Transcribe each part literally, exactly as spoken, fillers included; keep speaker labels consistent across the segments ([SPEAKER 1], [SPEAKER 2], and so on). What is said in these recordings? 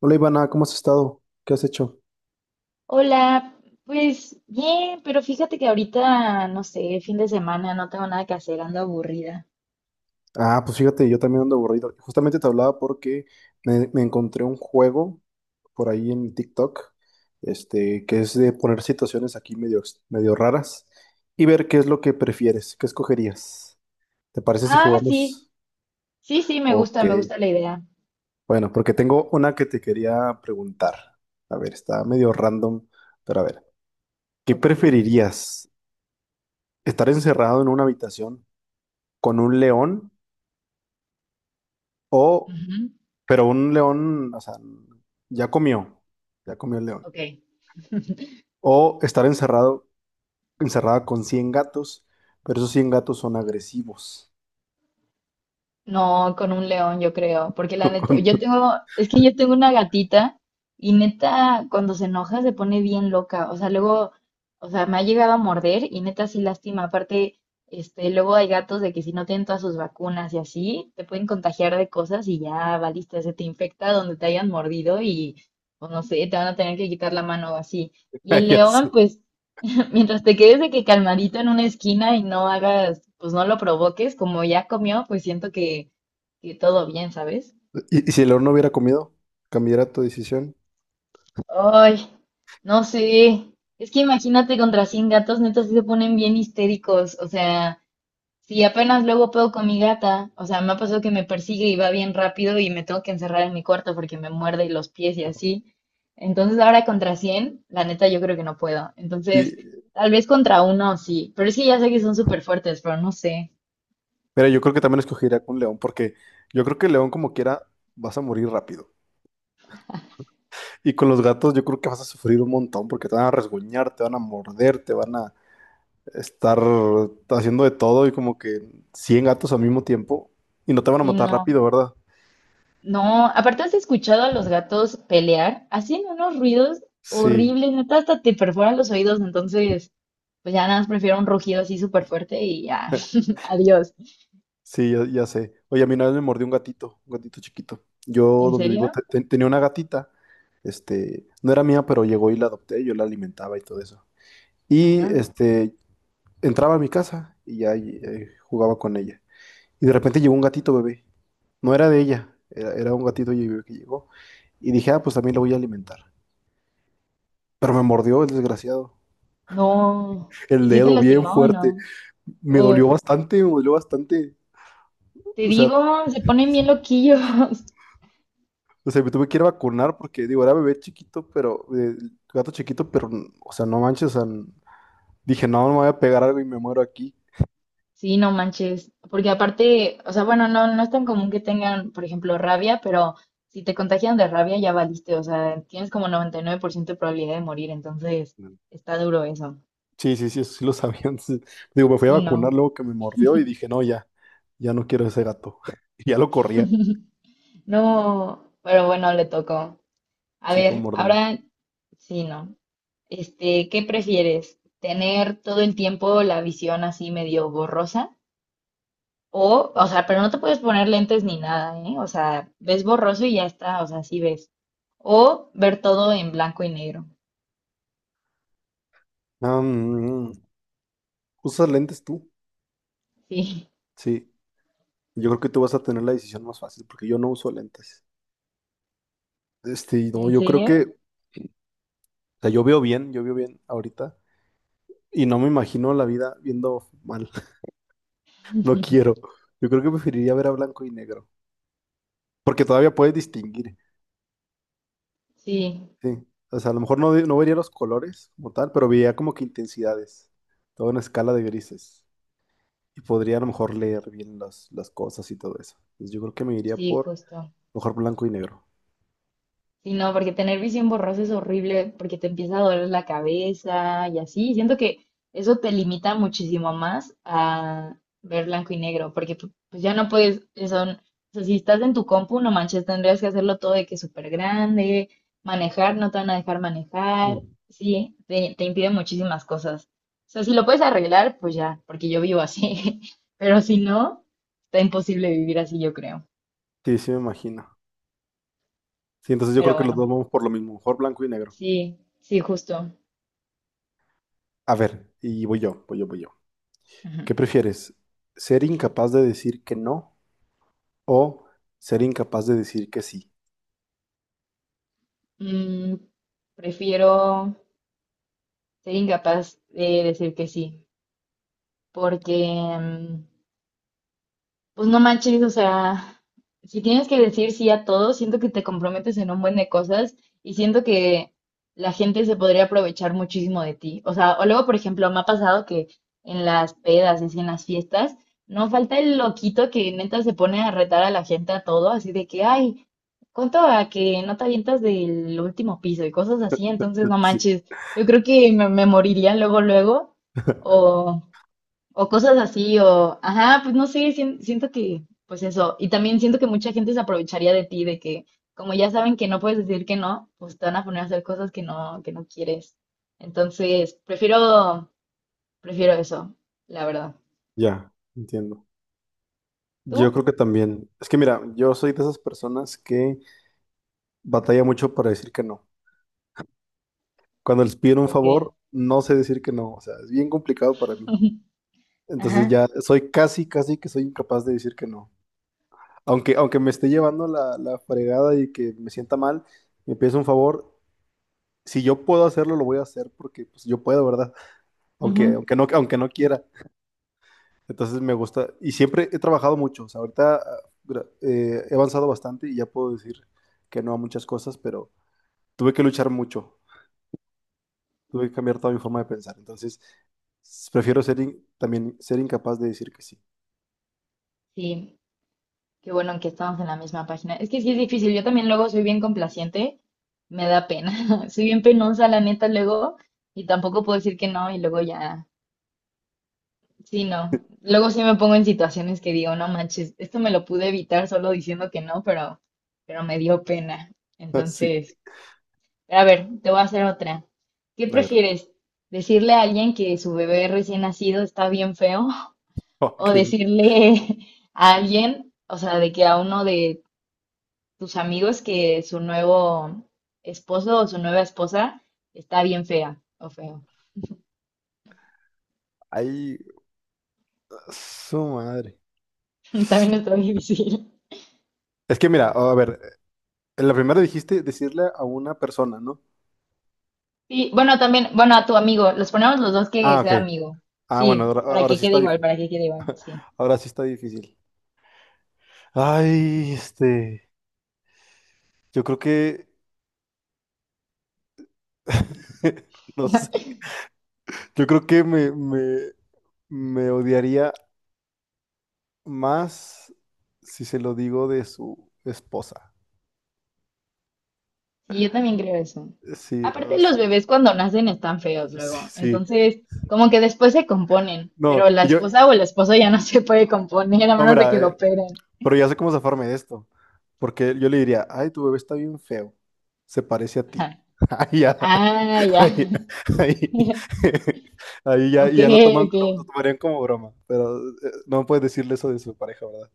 [SPEAKER 1] Hola Ivana, ¿cómo has estado? ¿Qué has hecho?
[SPEAKER 2] Hola, pues bien, pero fíjate que ahorita, no sé, fin de semana, no tengo nada que hacer, ando aburrida.
[SPEAKER 1] Ah, pues fíjate, yo también ando aburrido. Justamente te hablaba porque me, me encontré un juego por ahí en TikTok, este, que es de poner situaciones aquí medio, ex- medio raras y ver qué es lo que prefieres, qué escogerías. ¿Te parece si
[SPEAKER 2] Ah, sí,
[SPEAKER 1] jugamos?
[SPEAKER 2] sí, sí, me gusta,
[SPEAKER 1] Ok.
[SPEAKER 2] me gusta la idea.
[SPEAKER 1] Bueno, porque tengo una que te quería preguntar. A ver, está medio random, pero a ver, ¿qué
[SPEAKER 2] Ok.
[SPEAKER 1] preferirías? ¿Estar encerrado en una habitación con un león? O
[SPEAKER 2] Ujú.
[SPEAKER 1] pero un león, o sea, ya comió, ya comió el león.
[SPEAKER 2] Ok.
[SPEAKER 1] O estar encerrado, encerrada con cien gatos, pero esos cien gatos son agresivos.
[SPEAKER 2] No, con un león, yo creo, porque la neta,
[SPEAKER 1] Con-
[SPEAKER 2] yo tengo, es que yo tengo una gatita y neta, cuando se enoja se pone bien loca, o sea, luego, o sea, me ha llegado a morder y neta sí lastima, aparte, este, luego hay gatos de que si no tienen todas sus vacunas y así, te pueden contagiar de cosas y ya valiste, se te infecta donde te hayan mordido y, pues no sé, te van a tener que quitar la mano o así. Y el
[SPEAKER 1] ya sé.
[SPEAKER 2] león, pues, mientras te quedes de que calmadito en una esquina y no hagas, pues no lo provoques, como ya comió, pues siento que, que todo bien, ¿sabes?
[SPEAKER 1] Y, y si el león no hubiera comido, cambiara tu decisión.
[SPEAKER 2] Ay, no sé. Es que imagínate contra cien gatos, neta, sí se ponen bien histéricos. O sea, si apenas luego puedo con mi gata, o sea, me ha pasado que me persigue y va bien rápido y me tengo que encerrar en mi cuarto porque me muerde los pies y así. Entonces ahora contra cien, la neta, yo creo que no puedo.
[SPEAKER 1] Y,
[SPEAKER 2] Entonces, tal vez contra uno sí, pero es que ya sé que son súper fuertes, pero no sé.
[SPEAKER 1] pero yo creo que también escogería con león, porque yo creo que el león como quiera vas a morir rápido. Y con los gatos yo creo que vas a sufrir un montón, porque te van a resguñar, te van a morder, te van a, estar haciendo de todo y como que cien gatos al mismo tiempo y no te van a
[SPEAKER 2] Sí,
[SPEAKER 1] matar
[SPEAKER 2] no,
[SPEAKER 1] rápido, ¿verdad?
[SPEAKER 2] no. Aparte, ¿has escuchado a los gatos pelear? Hacen unos ruidos
[SPEAKER 1] Sí,
[SPEAKER 2] horribles, neta, hasta te perforan los oídos. Entonces, pues ya nada más prefiero un rugido así súper fuerte y ya, adiós.
[SPEAKER 1] sí, ya, ya sé. Oye, a mí una vez me mordió un gatito, un gatito chiquito. Yo
[SPEAKER 2] ¿En
[SPEAKER 1] donde vivo
[SPEAKER 2] serio?
[SPEAKER 1] te- te- tenía una gatita, este, no era mía, pero llegó y la adopté, yo la alimentaba y todo eso. Y
[SPEAKER 2] Ajá.
[SPEAKER 1] este, entraba a mi casa y ya eh, jugaba con ella. Y de repente llegó un gatito bebé. No era de ella, era, era un gatito bebé que llegó. Y dije, ah, pues también lo voy a alimentar. Pero me mordió el desgraciado.
[SPEAKER 2] No.
[SPEAKER 1] El
[SPEAKER 2] ¿Y si te
[SPEAKER 1] dedo bien
[SPEAKER 2] lastimó o
[SPEAKER 1] fuerte.
[SPEAKER 2] no?
[SPEAKER 1] Me
[SPEAKER 2] Uf,
[SPEAKER 1] dolió bastante, me dolió bastante.
[SPEAKER 2] te
[SPEAKER 1] O sea,
[SPEAKER 2] digo, se ponen bien loquillos.
[SPEAKER 1] o sea, me tuve que ir a vacunar porque, digo, era bebé chiquito, pero, eh, gato chiquito, pero, o sea, no manches, o sea, dije, no, no me voy a pegar algo y me muero aquí.
[SPEAKER 2] Sí, no manches, porque aparte, o sea, bueno, no, no es tan común que tengan, por ejemplo, rabia, pero si te contagian de rabia ya valiste, o sea, tienes como noventa y nueve por ciento de probabilidad de morir, entonces está duro eso.
[SPEAKER 1] Sí, sí, sí, eso sí lo sabía. Entonces, digo, me fui a
[SPEAKER 2] Sí,
[SPEAKER 1] vacunar
[SPEAKER 2] no.
[SPEAKER 1] luego que me mordió y dije, no, ya, ya no quiero ese gato. Y ya lo corría.
[SPEAKER 2] No, pero bueno, le tocó. A
[SPEAKER 1] Sí, pues
[SPEAKER 2] ver,
[SPEAKER 1] mórdeme.
[SPEAKER 2] ahora sí, no. Este, ¿qué prefieres? ¿Tener todo el tiempo la visión así medio borrosa? O, o sea, pero no te puedes poner lentes ni nada, ¿eh? O sea, ves borroso y ya está, o sea, sí ves. O ver todo en blanco y negro.
[SPEAKER 1] Ah, mm, ¿usas lentes tú?
[SPEAKER 2] Sí,
[SPEAKER 1] Sí, yo creo que tú vas a tener la decisión más fácil porque yo no uso lentes. Este, no,
[SPEAKER 2] ¿en
[SPEAKER 1] yo creo
[SPEAKER 2] serio?
[SPEAKER 1] que o sea, yo veo bien, yo veo bien ahorita. Y no me imagino la vida viendo mal. No quiero. Yo creo que preferiría ver a blanco y negro. Porque todavía puedes distinguir.
[SPEAKER 2] Sí,
[SPEAKER 1] Sí. O sea, a lo mejor no, no vería los colores como tal, pero vería como que intensidades. Toda una escala de grises. Y podría a lo mejor leer bien las, las cosas y todo eso. Entonces yo creo que me iría
[SPEAKER 2] sí,
[SPEAKER 1] por
[SPEAKER 2] justo.
[SPEAKER 1] mejor blanco y negro.
[SPEAKER 2] Sí, no, porque tener visión borrosa es horrible, porque te empieza a doler la cabeza y así. Siento que eso te limita muchísimo más a ver blanco y negro, porque pu- pues ya no puedes, eso, n- o sea, si estás en tu compu, no manches, tendrías que hacerlo todo de que súper grande, manejar, no te van a dejar manejar.
[SPEAKER 1] Mm.
[SPEAKER 2] Sí, te, te impide muchísimas cosas. O sea, si lo puedes arreglar, pues ya, porque yo vivo así. Pero si no, está imposible vivir así, yo creo.
[SPEAKER 1] Sí, sí me imagino. Sí, entonces yo creo
[SPEAKER 2] Pero
[SPEAKER 1] que los dos
[SPEAKER 2] bueno,
[SPEAKER 1] vamos por lo mismo. Mejor blanco y negro.
[SPEAKER 2] sí, sí, justo.
[SPEAKER 1] A ver, y voy yo, voy yo, voy yo.
[SPEAKER 2] Ujú.
[SPEAKER 1] ¿Qué prefieres? ¿Ser incapaz de decir que no o ser incapaz de decir que sí?
[SPEAKER 2] Mm, prefiero ser incapaz de decir que sí, porque mm, pues no manches, o sea, si tienes que decir sí a todo, siento que te comprometes en un buen de cosas y siento que la gente se podría aprovechar muchísimo de ti. O sea, o luego, por ejemplo, me ha pasado que en las pedas, y así en las fiestas, no falta el loquito que neta se pone a retar a la gente a todo, así de que, ay, ¿cuánto a que no te avientas del último piso? Y cosas así, entonces no
[SPEAKER 1] Sí,
[SPEAKER 2] manches, yo creo que me, me moriría luego, luego, o... O cosas así, o, ajá, pues no sé, sien- siento que, pues eso, y también siento que mucha gente se aprovecharía de ti, de que como ya saben que no puedes decir que no, pues te van a poner a hacer cosas que no, que no quieres. Entonces, prefiero, prefiero eso, la verdad.
[SPEAKER 1] ya, entiendo. Yo
[SPEAKER 2] ¿Tú?
[SPEAKER 1] creo que también. Es que mira, yo soy de esas personas que batalla mucho para decir que no. Cuando les piden un
[SPEAKER 2] Ok.
[SPEAKER 1] favor, no sé decir que no. O sea, es bien complicado para mí. Entonces
[SPEAKER 2] Ajá.
[SPEAKER 1] ya soy casi, casi que soy incapaz de decir que no. Aunque, aunque me esté llevando la, la fregada y que me sienta mal, me pides un favor. Si yo puedo hacerlo, lo voy a hacer porque pues, yo puedo, ¿verdad? Aunque,
[SPEAKER 2] Ujú.
[SPEAKER 1] aunque no, aunque no quiera. Entonces me gusta, y siempre he trabajado mucho, o sea, ahorita ah, gra- eh, he avanzado bastante y ya puedo decir que no a muchas cosas, pero tuve que luchar mucho, tuve que cambiar toda mi forma de pensar, entonces s- prefiero ser in- también ser incapaz de decir que sí.
[SPEAKER 2] Sí, qué bueno que estamos en la misma página. Es que sí es difícil, yo también luego soy bien complaciente, me da pena, soy bien penosa, la neta, luego, y tampoco puedo decir que no, y luego ya. Sí, no. Luego sí me pongo en situaciones que digo, no manches, esto me lo pude evitar solo diciendo que no, pero, pero me dio pena.
[SPEAKER 1] Sí,
[SPEAKER 2] Entonces, a ver, te voy a hacer otra. ¿Qué
[SPEAKER 1] a ver,
[SPEAKER 2] prefieres? ¿Decirle a alguien que su bebé recién nacido está bien feo? ¿O
[SPEAKER 1] ok,
[SPEAKER 2] decirle a alguien, o sea, de que a uno de tus amigos que su nuevo esposo o su nueva esposa está bien fea o feo?
[SPEAKER 1] ahí, su madre.
[SPEAKER 2] También está difícil.
[SPEAKER 1] Es que mira, a ver, en la primera dijiste decirle a una persona, ¿no?
[SPEAKER 2] Y bueno, también, bueno, a tu amigo, los ponemos los dos que
[SPEAKER 1] Ah, ok.
[SPEAKER 2] sea amigo.
[SPEAKER 1] Ah, bueno,
[SPEAKER 2] Sí,
[SPEAKER 1] ahora,
[SPEAKER 2] para
[SPEAKER 1] ahora
[SPEAKER 2] que
[SPEAKER 1] sí
[SPEAKER 2] quede
[SPEAKER 1] está
[SPEAKER 2] igual,
[SPEAKER 1] difícil.
[SPEAKER 2] para que quede igual, sí.
[SPEAKER 1] Ahora sí está difícil. Ay, este, yo creo que no sé. Yo creo que me, me, me odiaría más si se lo digo de su esposa.
[SPEAKER 2] Y yo también creo eso.
[SPEAKER 1] Sí, o
[SPEAKER 2] Aparte,
[SPEAKER 1] sea,
[SPEAKER 2] los bebés cuando nacen están feos
[SPEAKER 1] sí,
[SPEAKER 2] luego.
[SPEAKER 1] sí.
[SPEAKER 2] Entonces, como que después se componen,
[SPEAKER 1] No,
[SPEAKER 2] pero la
[SPEAKER 1] y yo,
[SPEAKER 2] esposa o el esposo ya no se puede componer a
[SPEAKER 1] no,
[SPEAKER 2] menos de que
[SPEAKER 1] mira,
[SPEAKER 2] lo
[SPEAKER 1] eh,
[SPEAKER 2] operen.
[SPEAKER 1] pero ya sé cómo zafarme de esto. Porque yo le diría, ay, tu bebé está bien feo. Se parece a ti.
[SPEAKER 2] Ajá.
[SPEAKER 1] Ahí ya,
[SPEAKER 2] Ah, ya.
[SPEAKER 1] ahí, ahí, ahí ya,
[SPEAKER 2] Ok,
[SPEAKER 1] ya lo toman,
[SPEAKER 2] ok.
[SPEAKER 1] lo, lo tomarían como broma. Pero eh, no puedes decirle eso de su pareja, ¿verdad?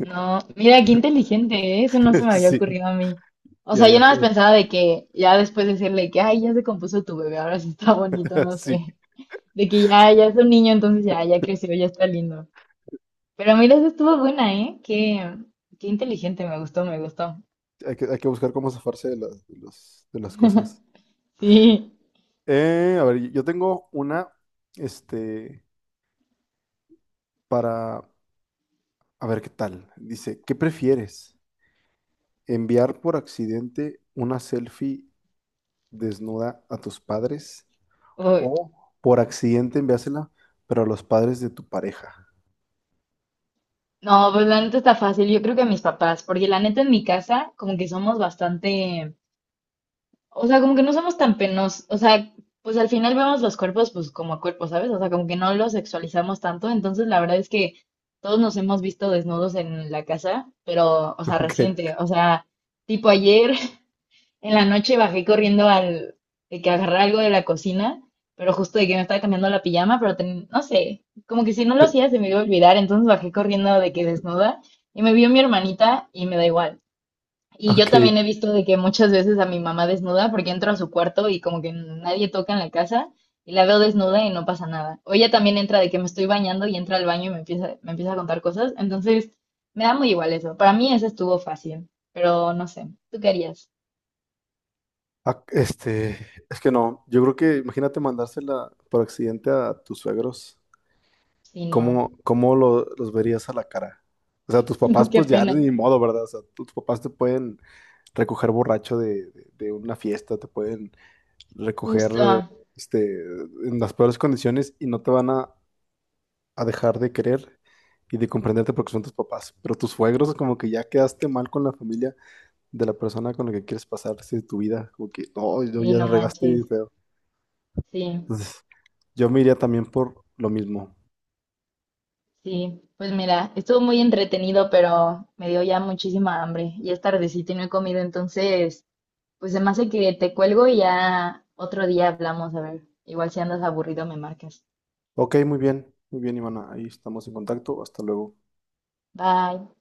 [SPEAKER 2] No, mira, qué inteligente, ¿eh? Eso no se me había
[SPEAKER 1] Sí,
[SPEAKER 2] ocurrido a mí. O
[SPEAKER 1] ya,
[SPEAKER 2] sea,
[SPEAKER 1] ya
[SPEAKER 2] yo nada
[SPEAKER 1] está.
[SPEAKER 2] más pensaba de que ya después decirle que, ay, ya se compuso tu bebé, ahora sí está bonito, no
[SPEAKER 1] Sí.
[SPEAKER 2] sé. De que ya, ya es un niño, entonces ya, ya creció, ya está lindo. Pero mira, esa estuvo buena, ¿eh? Qué, qué inteligente, me gustó, me gustó.
[SPEAKER 1] Hay que, hay que buscar cómo zafarse de las, de los- de las cosas.
[SPEAKER 2] Sí.
[SPEAKER 1] Eh, a ver, yo tengo una, este, para, a ver qué tal. Dice, ¿qué prefieres? ¿Enviar por accidente una selfie desnuda a tus padres?
[SPEAKER 2] Uy.
[SPEAKER 1] ¿O por accidente enviársela, pero a los padres de tu pareja?
[SPEAKER 2] No, pues la neta está fácil, yo creo que mis papás, porque la neta en mi casa como que somos bastante, o sea, como que no somos tan penosos, o sea, pues al final vemos los cuerpos pues como cuerpos, ¿sabes? O sea, como que no los sexualizamos tanto, entonces la verdad es que todos nos hemos visto desnudos en la casa, pero, o sea,
[SPEAKER 1] Ok,
[SPEAKER 2] reciente, o sea, tipo ayer en la noche bajé corriendo al, de que agarré algo de la cocina, pero justo de que me estaba cambiando la pijama, pero ten- no sé, como que si no lo hacía se me iba a olvidar, entonces bajé corriendo de que desnuda y me vio mi hermanita y me da igual. Y yo
[SPEAKER 1] ok.
[SPEAKER 2] también he visto de que muchas veces a mi mamá desnuda porque entro a su cuarto y como que nadie toca en la casa y la veo desnuda y no pasa nada. O ella también entra de que me estoy bañando y entra al baño y me empieza, me empieza a contar cosas, entonces me da muy igual eso. Para mí eso estuvo fácil, pero no sé, ¿tú qué harías
[SPEAKER 1] Ah, Este, es que no, yo creo que imagínate mandársela por accidente a tus suegros.
[SPEAKER 2] si no
[SPEAKER 1] ¿Cómo, cómo lo- los verías a la cara? O sea, tus papás,
[SPEAKER 2] No, qué
[SPEAKER 1] pues ya
[SPEAKER 2] pena.
[SPEAKER 1] ni modo, ¿verdad? O sea, tus papás te pueden recoger borracho de, de- de una fiesta, te pueden recoger
[SPEAKER 2] Justo.
[SPEAKER 1] este, en las peores condiciones y no te van a, a dejar de querer y de comprenderte porque son tus papás. Pero tus suegros, como que ya quedaste mal con la familia de la persona con la que quieres pasarse tu vida, como que no, yo
[SPEAKER 2] Sí,
[SPEAKER 1] ya la
[SPEAKER 2] no
[SPEAKER 1] regaste bien
[SPEAKER 2] manches.
[SPEAKER 1] feo.
[SPEAKER 2] Sí,
[SPEAKER 1] Entonces, yo me iría también por lo mismo.
[SPEAKER 2] sí. Pues mira, estuvo muy entretenido, pero me dio ya muchísima hambre. Ya es tardecito y no he comido, entonces, pues se me hace que te cuelgo y ya otro día hablamos, a ver. Igual si andas aburrido me marcas.
[SPEAKER 1] Ok, muy bien, muy bien, Ivana, ahí estamos en contacto, hasta luego.
[SPEAKER 2] Bye.